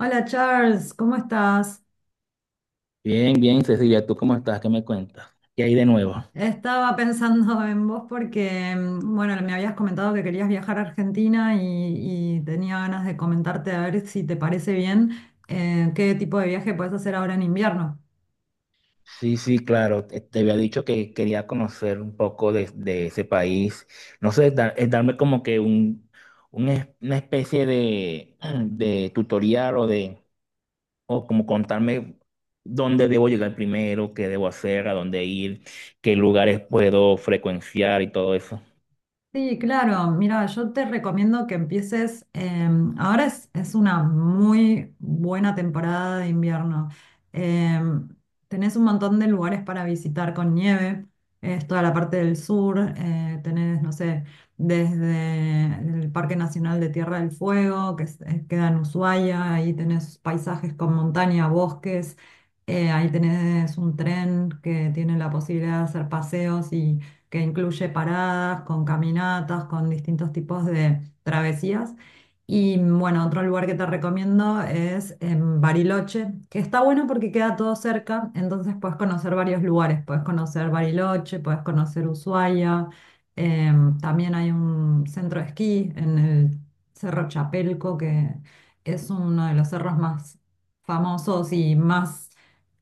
Hola Charles, ¿cómo estás? Bien, bien, Cecilia, ¿tú cómo estás? ¿Qué me cuentas? ¿Qué hay de nuevo? Estaba pensando en vos porque, bueno, me habías comentado que querías viajar a Argentina y tenía ganas de comentarte a ver si te parece bien qué tipo de viaje puedes hacer ahora en invierno. Sí, sí, claro, te había dicho que quería conocer un poco de ese país. No sé, es darme como que una especie de, de tutorial o de, o como contarme dónde debo llegar primero, qué debo hacer, a dónde ir, qué lugares puedo frecuenciar y todo eso. Sí, claro. Mira, yo te recomiendo que empieces. Ahora es una muy buena temporada de invierno. Em, Tenés un montón de lugares para visitar con nieve. Es toda la parte del sur. Tenés, no sé, desde el Parque Nacional de Tierra del Fuego, que queda en Ushuaia. Ahí tenés paisajes con montaña, bosques. Ahí tenés un tren que tiene la posibilidad de hacer paseos que incluye paradas, con caminatas, con distintos tipos de travesías. Y bueno, otro lugar que te recomiendo es en Bariloche, que está bueno porque queda todo cerca, entonces puedes conocer varios lugares, puedes conocer Bariloche, puedes conocer Ushuaia, también hay un centro de esquí en el Cerro Chapelco, que es uno de los cerros más famosos y más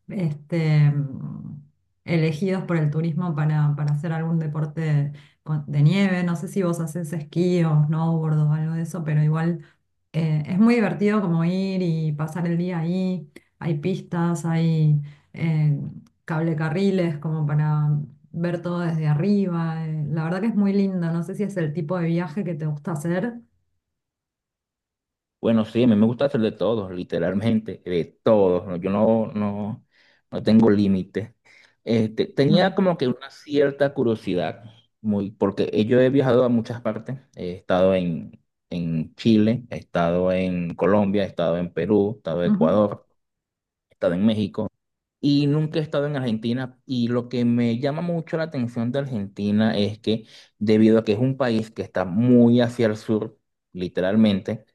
este, mm, elegidos por el turismo para hacer algún deporte de nieve. No sé si vos haces esquí o snowboard o algo de eso, pero igual es muy divertido como ir y pasar el día ahí. Hay pistas, hay eh, cablecarriles como para ver todo desde arriba. La verdad que es muy lindo. No sé si es el tipo de viaje que te gusta hacer. Bueno, sí, a mí me gusta hacer de todo, literalmente, de todo, ¿no? No tengo límite. Este, tenía Mm, como que una cierta curiosidad, muy, porque yo he viajado a muchas partes. He estado en Chile, he estado en Colombia, he estado en Perú, he estado en ujú, Ecuador, he estado en México y nunca he estado en Argentina. Y lo que me llama mucho la atención de Argentina es que, debido a que es un país que está muy hacia el sur, literalmente,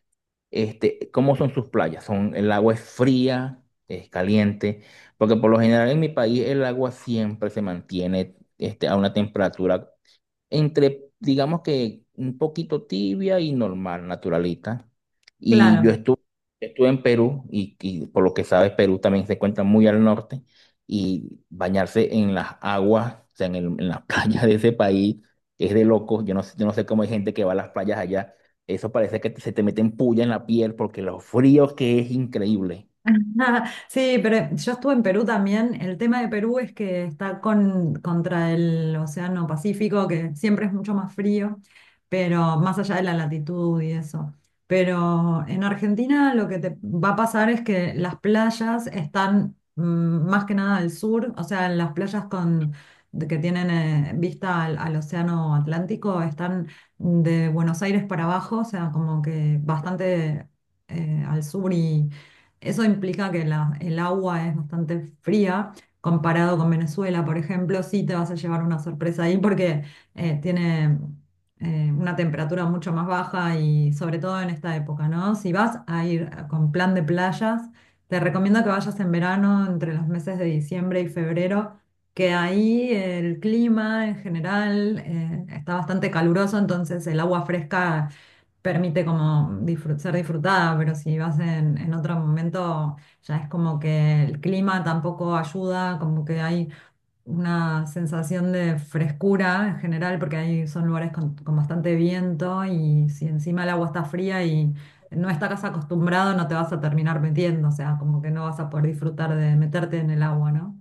este, ¿cómo son sus playas? Son, el agua es fría, es caliente, porque por lo general en mi país el agua siempre se mantiene este, a una temperatura entre, digamos, que un poquito tibia y normal, naturalita. Y yo claro. estuve, Estuve en Perú y por lo que sabes, Perú también se encuentra muy al norte, y bañarse en las aguas, o sea, en las playas de ese país es de locos. Yo no sé cómo hay gente que va a las playas allá. Eso parece que se te meten puya en la piel porque lo frío que es, increíble. Ajá, sí, pero yo estuve en Perú también. El tema de Perú es que está contra el Océano Pacífico, que siempre es mucho más frío, pero más allá de la latitud y eso. Pero en Argentina lo que te va a pasar es que las playas están más que nada al sur, o sea, las playas que tienen vista al Océano Atlántico están de Buenos Aires para abajo, o sea, como que bastante al sur, eso implica que el agua es bastante fría comparado con Venezuela, por ejemplo. Sí te vas a llevar una sorpresa ahí porque tiene una temperatura mucho más baja y sobre todo en esta época, ¿no? Si vas a ir con plan de playas, te recomiendo que vayas en verano entre los meses de diciembre y febrero, que ahí el clima en general está bastante caluroso, entonces el agua fresca permite como ser disfrutada, pero si vas en otro momento, ya es como que el clima tampoco ayuda, como que hay una sensación de frescura en general, porque ahí son lugares con bastante viento y si encima el agua está fría y no estás acostumbrado, no te vas a terminar metiendo, o sea, como que no vas a poder disfrutar de meterte en el agua, ¿no?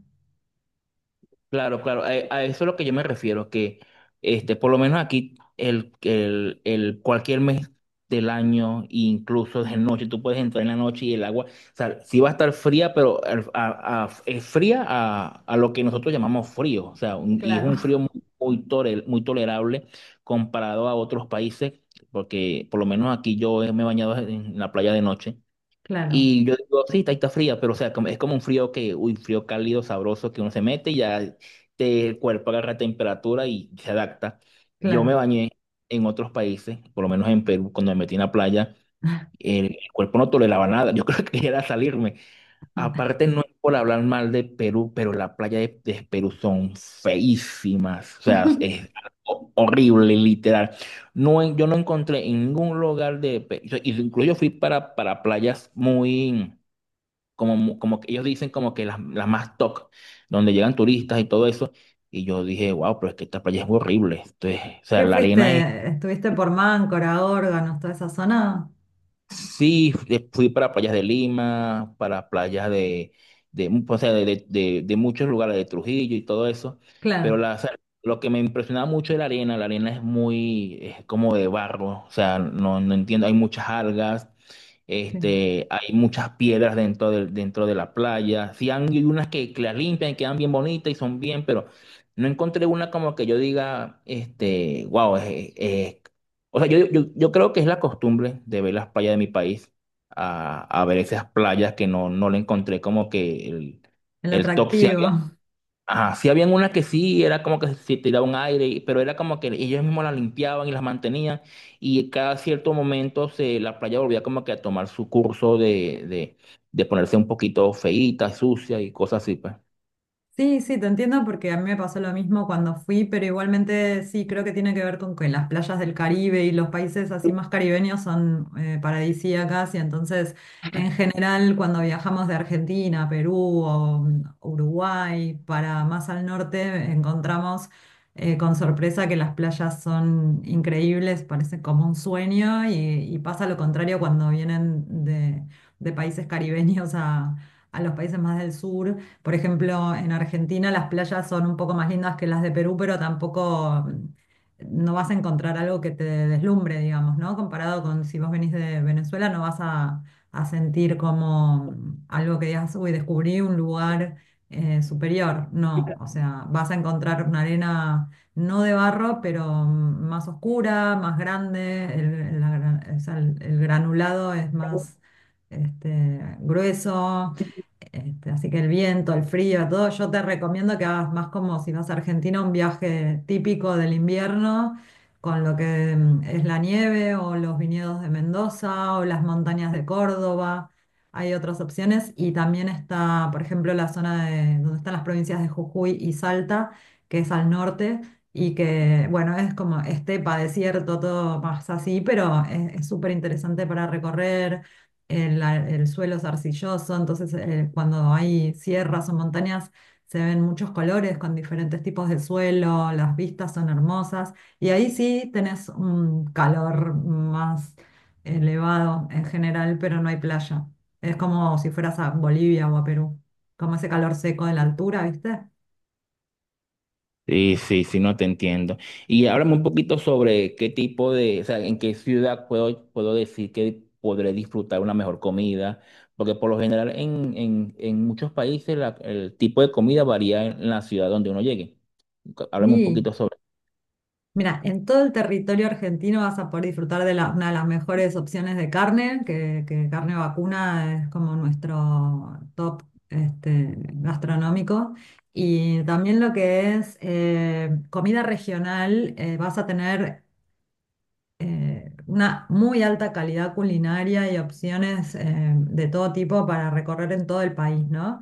Claro, claro, a eso es lo que yo me refiero, que este, por lo menos aquí el cualquier mes del año, incluso de noche, tú puedes entrar en la noche y el agua, o sea, sí va a estar fría, pero es fría a lo que nosotros llamamos frío, o sea, y es Claro. un frío muy, muy tolerable comparado a otros países, porque por lo menos aquí yo me he bañado en la playa de noche. Claro, Y yo digo, sí, está, está fría, pero o sea, es como un frío que, uy, frío cálido, sabroso, que uno se mete y ya te, el cuerpo agarra temperatura y se adapta. Yo me claro. bañé en otros países, por lo menos en Perú, cuando me metí en la playa, el cuerpo no toleraba nada, yo creo que era salirme. Aparte, no es por hablar mal de Perú, pero las playas de Perú son feísimas, o sea, es algo horrible, literal. No, yo no encontré en ningún lugar de, incluso yo fui para playas muy como, como que ellos dicen como que las más top, donde llegan turistas y todo eso. Y yo dije, wow, pero es que esta playa es horrible. Entonces, o sea, ¿Qué la arena. fuiste? ¿Estuviste por Máncora, Órganos, toda esa zona? Sí, fui para playas de Lima, para playas de, o sea, de muchos lugares, de Trujillo y todo eso, pero Claro. la, o sea, lo que me impresionaba mucho era la arena es muy, es como de barro, o sea, no, no entiendo, hay muchas algas, Sí, este, hay muchas piedras dentro de la playa, hay unas que las limpian y quedan bien bonitas y son bien, pero no encontré una como que yo diga, este, wow, o sea, yo creo que es la costumbre de ver las playas de mi país, a ver esas playas que no, no le encontré como que el el top. Sí había, atractivo. ajá, sí habían unas que sí, era como que se tiraba un aire, pero era como que ellos mismos las limpiaban y las mantenían, y cada cierto momento se, la playa volvía como que a tomar su curso de ponerse un poquito feíta, sucia y cosas así, pues. Sí, sí, te entiendo porque a mí me pasó lo mismo cuando fui, pero igualmente sí, creo que tiene que ver con que las playas del Caribe y los países así más caribeños son paradisíacas y entonces en general cuando viajamos de Argentina, Perú o Uruguay para más al norte encontramos con sorpresa que las playas son increíbles, parece como un sueño y pasa lo contrario cuando vienen de países caribeños a los países más del sur, por ejemplo, en Argentina las playas son un poco más lindas que las de Perú, pero tampoco no vas a encontrar algo que te deslumbre, digamos, ¿no? Comparado con si vos venís de Venezuela, no vas a sentir como algo que digas, uy, descubrí un lugar superior. No, o sea, vas a encontrar una arena no de barro, pero más oscura, más grande, o sea, el granulado es más grueso, este, así que el viento, el frío, todo, yo te recomiendo que hagas más como si vas a Argentina, un viaje típico del invierno, con lo que es la nieve o los viñedos de Mendoza o las montañas de Córdoba. Hay otras opciones y también está, por ejemplo, la zona de donde están las provincias de Jujuy y Salta, que es al norte y que, bueno, es como estepa, desierto, todo más así, pero es súper interesante para recorrer el suelo es arcilloso, entonces cuando hay sierras o montañas se ven muchos colores con diferentes tipos de suelo, las vistas son hermosas y ahí sí tenés un calor más elevado en general, pero no hay playa. Es como si fueras a Bolivia o a Perú, como ese calor seco de la altura, ¿viste? Sí, sí, sí, no te entiendo. Y háblame un poquito sobre qué tipo de, o sea, en qué ciudad puedo, puedo decir que podré disfrutar una mejor comida, porque por lo general en muchos países el tipo de comida varía en la ciudad donde uno llegue. Háblame un Sí, poquito sobre. mira, en todo el territorio argentino vas a poder disfrutar de una de las mejores opciones de carne, que carne vacuna es como nuestro top este, gastronómico. Y también lo que es comida regional, vas a tener una muy alta calidad culinaria y opciones de todo tipo para recorrer en todo el país, ¿no?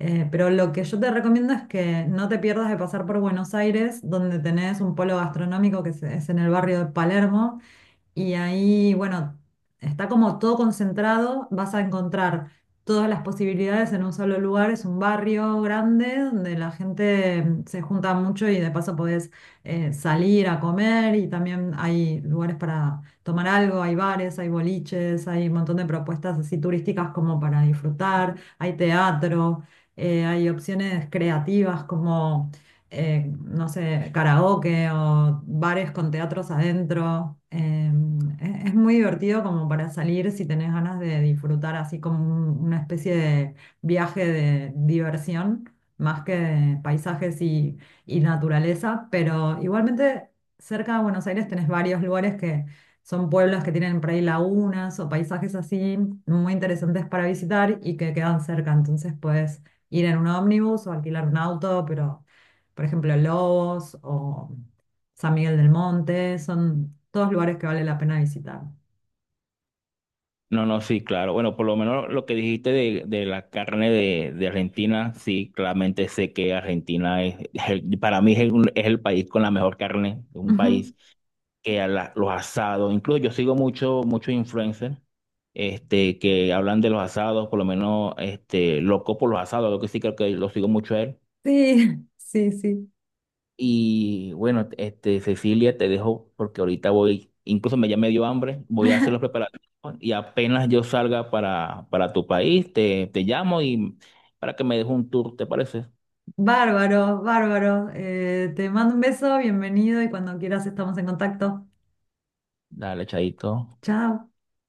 Pero lo que yo te recomiendo es que no te pierdas de pasar por Buenos Aires, donde tenés un polo gastronómico que es en el barrio de Palermo y ahí, bueno, está como todo concentrado, vas a encontrar todas las posibilidades en un solo lugar, es un barrio grande donde la gente se junta mucho y de paso podés salir a comer y también hay lugares para tomar algo, hay bares, hay boliches, hay un montón de propuestas así turísticas como para disfrutar, hay teatro, hay opciones creativas como no sé, karaoke o bares con teatros adentro. Es muy divertido como para salir si tenés ganas de disfrutar así como una especie de viaje de diversión, más que de paisajes y naturaleza, pero igualmente cerca de Buenos Aires tenés varios lugares que... Son pueblos que tienen por ahí lagunas o paisajes así muy interesantes para visitar y que quedan cerca. Entonces puedes ir en un ómnibus o alquilar un auto, pero por ejemplo, Lobos o San Miguel del Monte, son todos lugares que vale la pena visitar. No, no, sí, claro. Bueno, por lo menos lo que dijiste de la carne de Argentina, sí, claramente sé que Argentina es, para mí es el país con la mejor carne, un Ujú. país que los asados, incluso yo sigo mucho, muchos influencers este, que hablan de los asados, por lo menos este, loco por los asados, lo que sí creo que lo sigo mucho a él. Sí, sí, sí. Y bueno, este, Cecilia, te dejo porque ahorita voy, incluso me ya me dio hambre, voy a hacer los preparativos y apenas yo salga para tu país, te llamo y para que me dejes un tour, ¿te parece? Bárbaro, bárbaro. Te mando un beso, bienvenido y cuando quieras estamos en contacto. Dale, chaito. Chao.